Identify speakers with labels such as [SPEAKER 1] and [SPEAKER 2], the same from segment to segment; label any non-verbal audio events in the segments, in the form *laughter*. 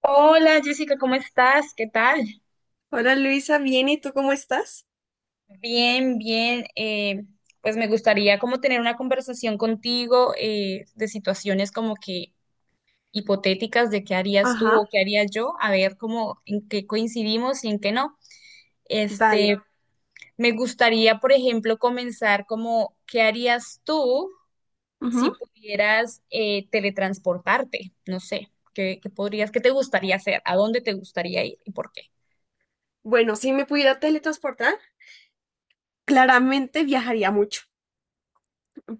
[SPEAKER 1] Hola Jessica, ¿cómo estás? ¿Qué tal?
[SPEAKER 2] Hola Luisa, bien, ¿y tú cómo estás?
[SPEAKER 1] Bien, bien. Pues me gustaría como tener una conversación contigo de situaciones como que hipotéticas de qué harías tú
[SPEAKER 2] Ajá.
[SPEAKER 1] o qué haría yo, a ver cómo en qué coincidimos y en qué no. Este,
[SPEAKER 2] Vale.
[SPEAKER 1] me gustaría, por ejemplo, comenzar como qué harías tú si
[SPEAKER 2] Ujú.
[SPEAKER 1] pudieras teletransportarte. No sé, ¿qué podrías, qué te gustaría hacer? ¿A dónde te gustaría ir y por qué?
[SPEAKER 2] Bueno, si me pudiera teletransportar, claramente viajaría mucho,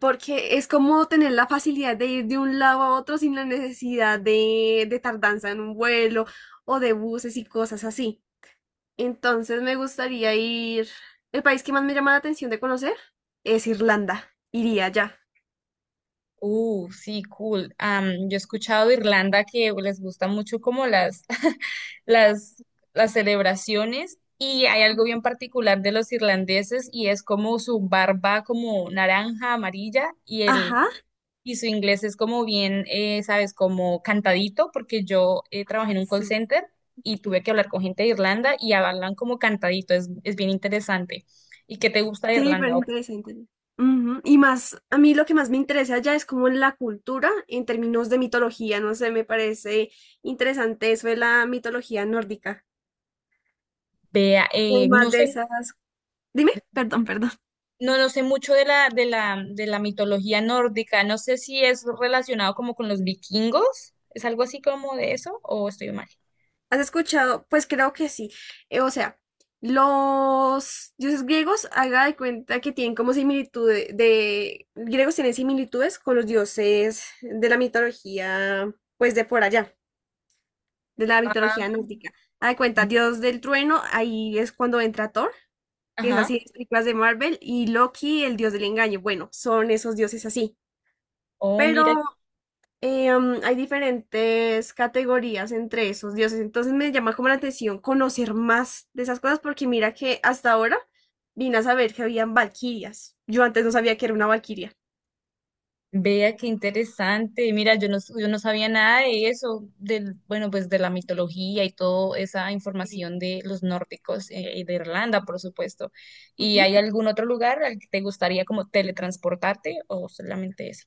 [SPEAKER 2] porque es como tener la facilidad de ir de un lado a otro sin la necesidad de tardanza en un vuelo o de buses y cosas así. Entonces me gustaría ir. El país que más me llama la atención de conocer es Irlanda. Iría allá.
[SPEAKER 1] Sí, cool. Yo he escuchado de Irlanda que les gusta mucho como las, *laughs* las, las celebraciones y hay algo bien particular de los irlandeses y es como su barba como naranja, amarilla
[SPEAKER 2] Ajá,
[SPEAKER 1] y su inglés es como bien, sabes, como cantadito porque yo trabajé en un call
[SPEAKER 2] sí.
[SPEAKER 1] center y tuve que hablar con gente de Irlanda y hablan como cantadito, es bien interesante. ¿Y qué te gusta de
[SPEAKER 2] Sí, me parece
[SPEAKER 1] Irlanda? O
[SPEAKER 2] interesante. Ujú. Y más, a mí lo que más me interesa ya es como la cultura en términos de mitología, no sé, me parece interesante eso de la mitología nórdica,
[SPEAKER 1] vea,
[SPEAKER 2] como
[SPEAKER 1] no
[SPEAKER 2] más de
[SPEAKER 1] sé.
[SPEAKER 2] esas. Dime, perdón, perdón.
[SPEAKER 1] No, no sé mucho de la mitología nórdica. No sé si es relacionado como con los vikingos. ¿Es algo así como de eso? ¿O estoy mal?
[SPEAKER 2] ¿Has escuchado? Pues creo que sí. O sea, los dioses griegos, haga de cuenta que tienen como similitudes, de griegos tienen similitudes con los dioses de la mitología, pues de por allá. De la mitología
[SPEAKER 1] Ah.
[SPEAKER 2] nórdica. Haz de cuenta, Dios del trueno, ahí es cuando entra Thor, que es
[SPEAKER 1] Ajá.
[SPEAKER 2] así en las películas de Marvel, y Loki, el dios del engaño. Bueno, son esos dioses así.
[SPEAKER 1] Oh, mira,
[SPEAKER 2] Pero hay diferentes categorías entre esos dioses. Entonces me llama como la atención conocer más de esas cosas, porque mira que hasta ahora vine a saber que habían valquirias. Yo antes no sabía que era una valquiria.
[SPEAKER 1] vea qué interesante. Mira, yo no sabía nada de eso, bueno, pues de la mitología y toda esa
[SPEAKER 2] Sí.
[SPEAKER 1] información de los nórdicos, y de Irlanda, por supuesto. ¿Y
[SPEAKER 2] Ujú.
[SPEAKER 1] hay algún otro lugar al que te gustaría como teletransportarte o solamente ese?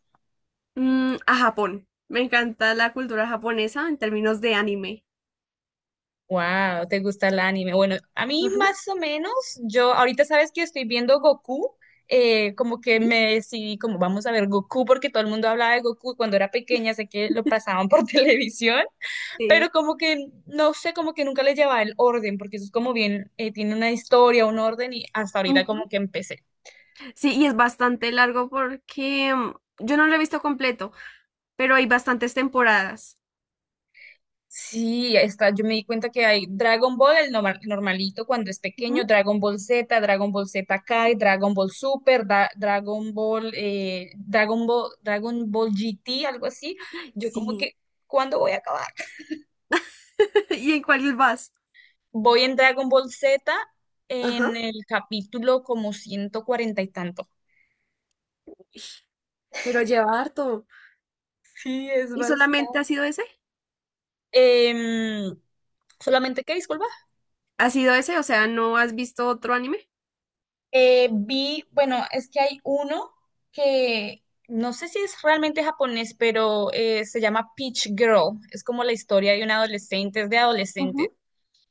[SPEAKER 2] A Japón. Me encanta la cultura japonesa en términos de anime.
[SPEAKER 1] Wow, ¿te gusta el anime? Bueno, a mí
[SPEAKER 2] Ajá.
[SPEAKER 1] más o menos, yo ahorita sabes que estoy viendo Goku. Como que
[SPEAKER 2] ¿Sí?
[SPEAKER 1] me decidí, como vamos a ver Goku, porque todo el mundo hablaba de Goku cuando era pequeña, sé que lo pasaban por *laughs* televisión, pero
[SPEAKER 2] Sí.
[SPEAKER 1] como que no sé, como que nunca le llevaba el orden, porque eso es como bien, tiene una historia, un orden, y hasta ahorita como
[SPEAKER 2] Ujú.
[SPEAKER 1] que empecé.
[SPEAKER 2] Sí, y es bastante largo porque yo no lo he visto completo, pero hay bastantes temporadas.
[SPEAKER 1] Sí, está, yo me di cuenta que hay Dragon Ball, el normalito cuando es pequeño,
[SPEAKER 2] Ujú.
[SPEAKER 1] Dragon Ball Z, Dragon Ball Z Kai, Dragon Ball Super, Dragon Ball, Dragon Ball GT, algo así. Yo como
[SPEAKER 2] Sí.
[SPEAKER 1] que, ¿cuándo voy a acabar?
[SPEAKER 2] *laughs* ¿Y en cuál vas?
[SPEAKER 1] Voy en Dragon Ball Z
[SPEAKER 2] Ajá.
[SPEAKER 1] en el capítulo como 140 y tanto.
[SPEAKER 2] Pero lleva harto.
[SPEAKER 1] Sí, es
[SPEAKER 2] ¿Y solamente
[SPEAKER 1] bastante.
[SPEAKER 2] ha sido ese?
[SPEAKER 1] Em, solamente que, disculpa.
[SPEAKER 2] ¿Ha sido ese? O sea, ¿no has visto otro anime?
[SPEAKER 1] Vi, bueno, es que hay uno que no sé si es realmente japonés, pero se llama Peach Girl. Es como la historia de un adolescente, es de adolescentes.
[SPEAKER 2] Ujú.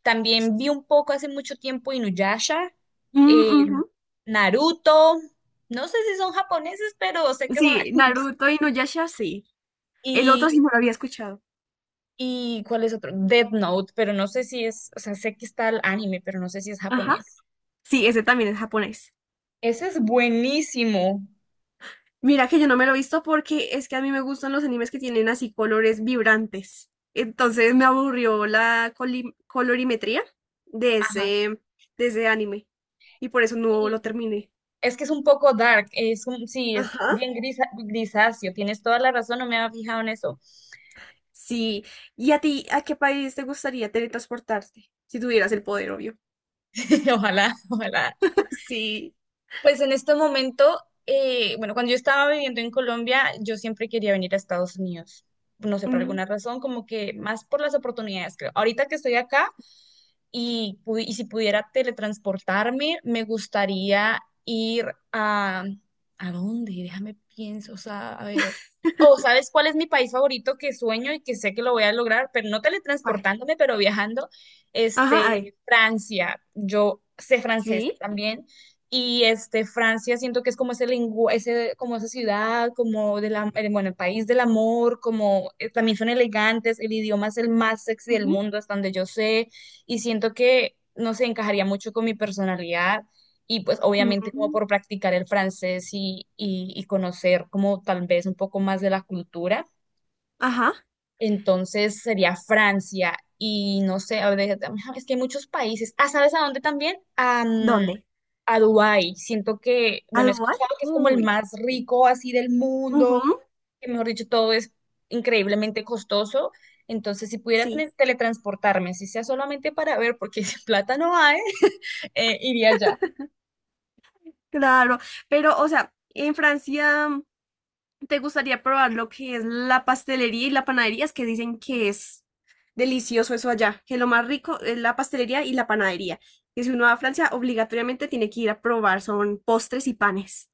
[SPEAKER 1] También vi un poco hace mucho tiempo Inuyasha,
[SPEAKER 2] Mm,
[SPEAKER 1] eh,
[SPEAKER 2] ujú.
[SPEAKER 1] Naruto. No sé si son japoneses, pero sé que son
[SPEAKER 2] Sí,
[SPEAKER 1] animes.
[SPEAKER 2] Naruto y Nuyasha, sí. El otro sí
[SPEAKER 1] Y,
[SPEAKER 2] no lo había escuchado.
[SPEAKER 1] y ¿cuál es otro? Death Note, pero no sé si es, o sea, sé que está el anime, pero no sé si es
[SPEAKER 2] Ajá.
[SPEAKER 1] japonés.
[SPEAKER 2] Sí, ese también es japonés.
[SPEAKER 1] Ese es buenísimo.
[SPEAKER 2] Mira que yo no me lo he visto porque es que a mí me gustan los animes que tienen así colores vibrantes. Entonces me aburrió la coli- colorimetría de
[SPEAKER 1] Ajá.
[SPEAKER 2] ese, de ese anime y por eso no lo terminé.
[SPEAKER 1] Es que es un poco dark, sí, es
[SPEAKER 2] Ajá.
[SPEAKER 1] bien grisáceo, tienes toda la razón, no me había fijado en eso.
[SPEAKER 2] Sí. ¿Y a ti, a qué país te gustaría teletransportarte? Si tuvieras el poder, obvio.
[SPEAKER 1] *laughs* Ojalá, ojalá.
[SPEAKER 2] *laughs* Sí.
[SPEAKER 1] Pues en este momento, bueno, cuando yo estaba viviendo en Colombia, yo siempre quería venir a Estados Unidos. No sé, por
[SPEAKER 2] Mm.
[SPEAKER 1] alguna razón, como que más por las oportunidades, creo. Ahorita que estoy acá, y si pudiera teletransportarme, me gustaría ir a. ¿A dónde? Déjame pienso, o sea, a ver. O ¿sabes cuál es mi país favorito que sueño y que sé que lo voy a lograr? Pero no
[SPEAKER 2] ¿Cuál?
[SPEAKER 1] teletransportándome, pero viajando.
[SPEAKER 2] Ajá, ay.
[SPEAKER 1] Este, Francia. Yo sé francés
[SPEAKER 2] Sí.
[SPEAKER 1] también. Y este, Francia siento que es como ese lengua, ese, como esa ciudad, como de la, bueno, el país del amor, como también son elegantes, el idioma es el más sexy del
[SPEAKER 2] Ujú.
[SPEAKER 1] mundo, hasta donde yo sé, y siento que no se encajaría mucho con mi personalidad y pues obviamente como
[SPEAKER 2] Mm.
[SPEAKER 1] por practicar el francés y conocer como tal vez un poco más de la cultura.
[SPEAKER 2] Ajá.
[SPEAKER 1] Entonces sería Francia y no sé, a ver, es que hay muchos países. Ah, ¿sabes a dónde también? A,
[SPEAKER 2] ¿Dónde?
[SPEAKER 1] a Dubái. Siento que,
[SPEAKER 2] ¿Al
[SPEAKER 1] bueno, he
[SPEAKER 2] lugar?
[SPEAKER 1] escuchado que es como el
[SPEAKER 2] Uy.
[SPEAKER 1] más rico así del
[SPEAKER 2] Ujú.
[SPEAKER 1] mundo, que mejor dicho, todo es increíblemente costoso. Entonces, si pudiera
[SPEAKER 2] Sí.
[SPEAKER 1] teletransportarme, si sea solamente para ver, porque *laughs* sin plata no hay, *laughs* iría allá.
[SPEAKER 2] Claro, pero o sea, en Francia te gustaría probar lo que es la pastelería y la panadería, es que dicen que es delicioso eso allá, que lo más rico es la pastelería y la panadería. Que si uno va a Francia, obligatoriamente tiene que ir a probar, son postres y panes.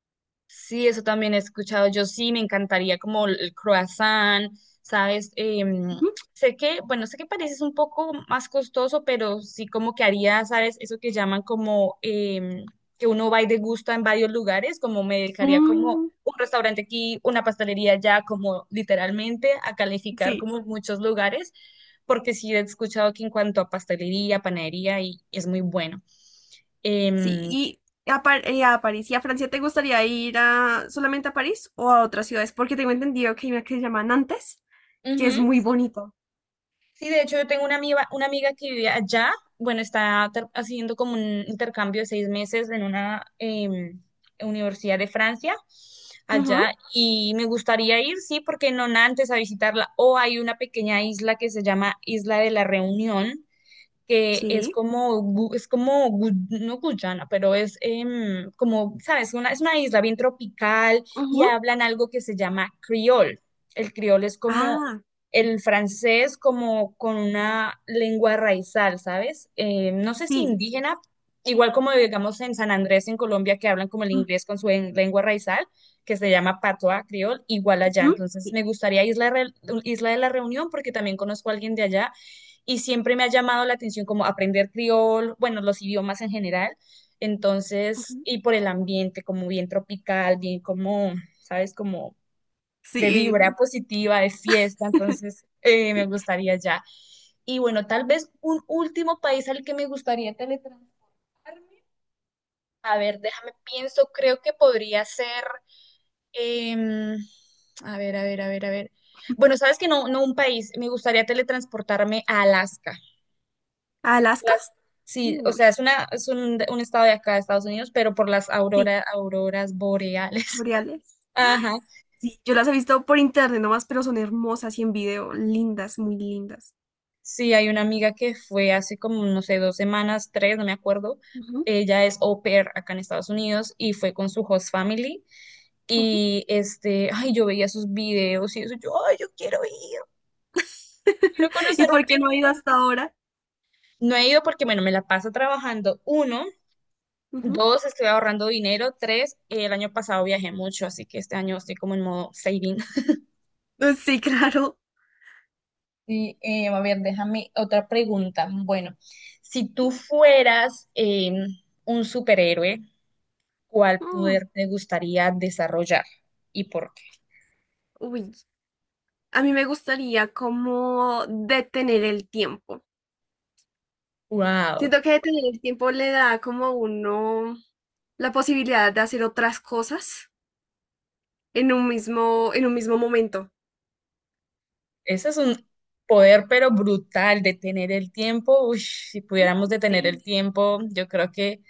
[SPEAKER 1] Sí, eso también he escuchado. Yo sí me encantaría como el croissant, ¿sabes? Em,
[SPEAKER 2] Ujú.
[SPEAKER 1] Sé que, bueno, sé que parece es un poco más costoso, pero sí como que haría, ¿sabes? Eso que llaman como que uno va y degusta en varios lugares, como me dedicaría como
[SPEAKER 2] Mm,
[SPEAKER 1] un restaurante aquí, una pastelería allá, como literalmente a calificar
[SPEAKER 2] sí,
[SPEAKER 1] como muchos lugares, porque sí he escuchado que en cuanto a pastelería, panadería, y es muy bueno.
[SPEAKER 2] sí.
[SPEAKER 1] Em,
[SPEAKER 2] ¿Y a, Par- a París y a Francia te gustaría ir a, solamente a París o a otras ciudades? Porque tengo entendido que hay una que se llama Nantes, que es muy bonito.
[SPEAKER 1] Sí, de hecho yo tengo una amiga que vive allá, bueno, está haciendo como un intercambio de 6 meses en una universidad de Francia,
[SPEAKER 2] Ujú.
[SPEAKER 1] allá, y me gustaría ir, sí, porque no antes a visitarla, o hay una pequeña isla que se llama Isla de la Reunión, que es
[SPEAKER 2] Sí.
[SPEAKER 1] como, es como, no Guyana, pero es como, ¿sabes? Es una isla bien tropical y
[SPEAKER 2] Ujú.
[SPEAKER 1] hablan algo que se llama criol. El criol es como
[SPEAKER 2] Ah.
[SPEAKER 1] el francés, como con una lengua raizal, ¿sabes? No sé si
[SPEAKER 2] Sí, sí.
[SPEAKER 1] indígena, igual como digamos en San Andrés, en Colombia, que hablan como el inglés con su lengua raizal, que se llama patois criol, igual allá.
[SPEAKER 2] Ujú,
[SPEAKER 1] Entonces
[SPEAKER 2] sí.
[SPEAKER 1] me gustaría Isla de la Reunión porque también conozco a alguien de allá y siempre me ha llamado la atención como aprender criol, bueno, los idiomas en general. Entonces,
[SPEAKER 2] Ujú.
[SPEAKER 1] y por el ambiente, como bien tropical, bien como, ¿sabes? Como de
[SPEAKER 2] Sí,
[SPEAKER 1] vibra
[SPEAKER 2] bueno,
[SPEAKER 1] positiva, de fiesta. Entonces, me
[SPEAKER 2] sí.
[SPEAKER 1] gustaría ya. Y bueno, tal vez un último país al que me gustaría teletransportarme. A ver, déjame pienso, creo que podría ser, em, a ver, a ver, a ver, a ver. Bueno, sabes que no un país, me gustaría teletransportarme a Alaska.
[SPEAKER 2] ¿Alaska?
[SPEAKER 1] las, sí, o
[SPEAKER 2] Uy,
[SPEAKER 1] sea, es una, es un estado de acá de Estados Unidos, pero por las
[SPEAKER 2] sí.
[SPEAKER 1] auroras boreales.
[SPEAKER 2] Boreales.
[SPEAKER 1] *laughs* Ajá.
[SPEAKER 2] Sí, yo las he visto por internet nomás, pero son hermosas y en video, lindas, muy lindas.
[SPEAKER 1] Sí, hay una amiga que fue hace como, no sé, 2 semanas, tres, no me acuerdo.
[SPEAKER 2] Ujú,
[SPEAKER 1] Ella es au pair acá en Estados Unidos y fue con su host family.
[SPEAKER 2] ujú.
[SPEAKER 1] Y este, ay, yo veía sus videos y eso, yo, ay, yo quiero ir, quiero
[SPEAKER 2] *laughs* ¿Y
[SPEAKER 1] conocer un
[SPEAKER 2] por qué no he ido
[SPEAKER 1] pingüino.
[SPEAKER 2] hasta ahora?
[SPEAKER 1] No he ido porque, bueno, me la paso trabajando. Uno,
[SPEAKER 2] Ujú.
[SPEAKER 1] dos, estoy ahorrando dinero. Tres, el año pasado viajé mucho, así que este año estoy como en modo saving.
[SPEAKER 2] Sí, claro.
[SPEAKER 1] Sí, a ver, déjame otra pregunta. Bueno, si tú fueras un superhéroe, ¿cuál
[SPEAKER 2] Mm.
[SPEAKER 1] poder te gustaría desarrollar y por qué?
[SPEAKER 2] Uy, a mí me gustaría como detener el tiempo.
[SPEAKER 1] Wow,
[SPEAKER 2] Siento que detener el tiempo le da como a uno la posibilidad de hacer otras cosas en un mismo momento.
[SPEAKER 1] ese es un poder pero brutal, detener el tiempo. Uy, si pudiéramos detener
[SPEAKER 2] Sí.
[SPEAKER 1] el tiempo, yo creo que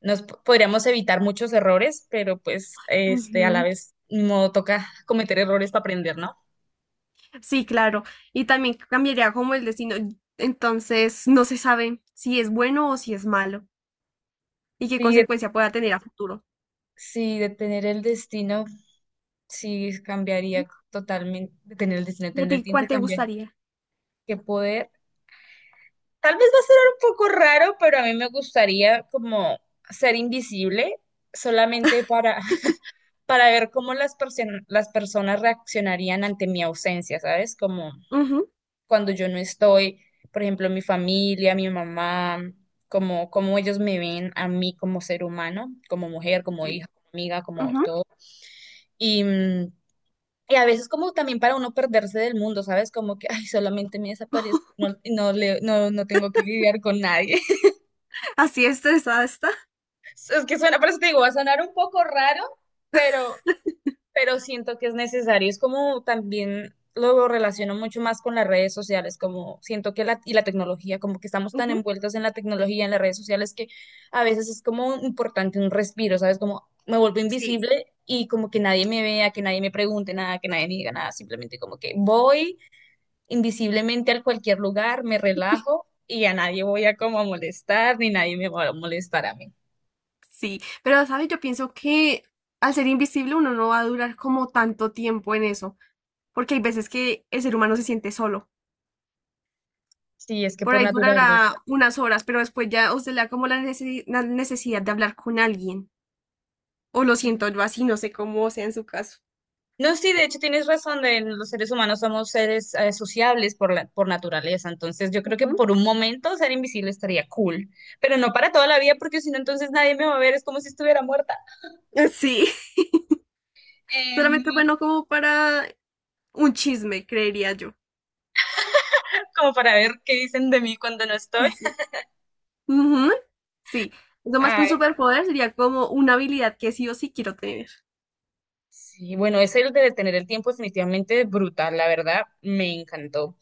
[SPEAKER 1] nos podríamos evitar muchos errores, pero pues este a la
[SPEAKER 2] Ujú.
[SPEAKER 1] vez no toca cometer errores para aprender, ¿no?
[SPEAKER 2] Sí, claro. Y también cambiaría como el destino. Entonces, no se sabe si es bueno o si es malo y qué
[SPEAKER 1] Sí,
[SPEAKER 2] consecuencia pueda tener a futuro.
[SPEAKER 1] sí, detener el destino. Sí,
[SPEAKER 2] Ujú.
[SPEAKER 1] cambiaría totalmente, tener, el-
[SPEAKER 2] ¿Y a
[SPEAKER 1] tener el
[SPEAKER 2] ti
[SPEAKER 1] tiempo,
[SPEAKER 2] cuál te
[SPEAKER 1] cambiar
[SPEAKER 2] gustaría?
[SPEAKER 1] que poder. Tal vez va a ser un poco raro, pero a mí me gustaría como ser invisible solamente para, *laughs* para ver cómo las personas reaccionarían ante mi ausencia, ¿sabes? Como
[SPEAKER 2] Ujú.
[SPEAKER 1] cuando yo no estoy, por ejemplo, mi familia, mi mamá, como, cómo ellos me ven a mí como ser humano, como mujer, como
[SPEAKER 2] Sí.
[SPEAKER 1] hija, como amiga, como
[SPEAKER 2] Ujú.
[SPEAKER 1] todo. Y, mm, Y a veces como también para uno perderse del mundo, ¿sabes? Como que, ay, solamente me desaparezco, no, y no, no tengo que lidiar con nadie. *laughs*
[SPEAKER 2] Así estresada está.
[SPEAKER 1] Es que suena, por eso te digo, va a sonar un poco raro, pero, pero siento que es necesario. Es como también lo relaciono mucho más con las redes sociales, como siento que y la tecnología, como que estamos tan
[SPEAKER 2] Ujú.
[SPEAKER 1] envueltos en la tecnología, en las redes sociales, que a veces es como importante un respiro, ¿sabes? Como me vuelvo
[SPEAKER 2] Sí.
[SPEAKER 1] invisible y como que nadie me vea, que nadie me pregunte nada, que nadie me diga nada, simplemente como que voy invisiblemente a cualquier lugar, me relajo y a nadie voy a como a molestar, ni nadie me va a molestar a mí.
[SPEAKER 2] Sí, pero sabes, yo pienso que al ser invisible uno no va a durar como tanto tiempo en eso, porque hay veces que el ser humano se siente solo.
[SPEAKER 1] Sí, es que
[SPEAKER 2] Por
[SPEAKER 1] por
[SPEAKER 2] ahí
[SPEAKER 1] naturaleza.
[SPEAKER 2] durará unas horas, pero después ya os le da como la necesi- la necesidad de hablar con alguien. O lo siento
[SPEAKER 1] Sí.
[SPEAKER 2] yo así, no sé cómo sea en su caso.
[SPEAKER 1] No, sí, de hecho tienes razón, de los seres humanos somos seres sociables por naturaleza, entonces yo creo que por un momento ser invisible estaría cool, pero no para toda la vida porque si no entonces nadie me va a ver, es como si estuviera muerta.
[SPEAKER 2] Ujú. Sí, *laughs*
[SPEAKER 1] Em,
[SPEAKER 2] solamente bueno como para un chisme, creería yo.
[SPEAKER 1] como para ver qué dicen de mí cuando no estoy.
[SPEAKER 2] Sí. Ujú. Sí, lo más que un superpoder sería como una habilidad que sí o sí quiero tener.
[SPEAKER 1] Sí, bueno, es el de detener el tiempo definitivamente es brutal, la verdad, me encantó.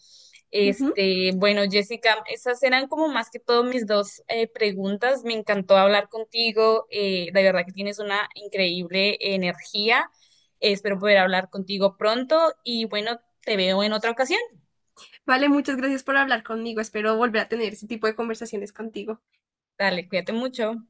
[SPEAKER 2] Ujú.
[SPEAKER 1] Este, bueno, Jessica, esas eran como más que todo mis dos preguntas. Me encantó hablar contigo. De verdad que tienes una increíble energía. Espero poder hablar contigo pronto y bueno, te veo en otra ocasión.
[SPEAKER 2] Vale, muchas gracias por hablar conmigo. Espero volver a tener ese tipo de conversaciones contigo.
[SPEAKER 1] Dale, cuídate mucho.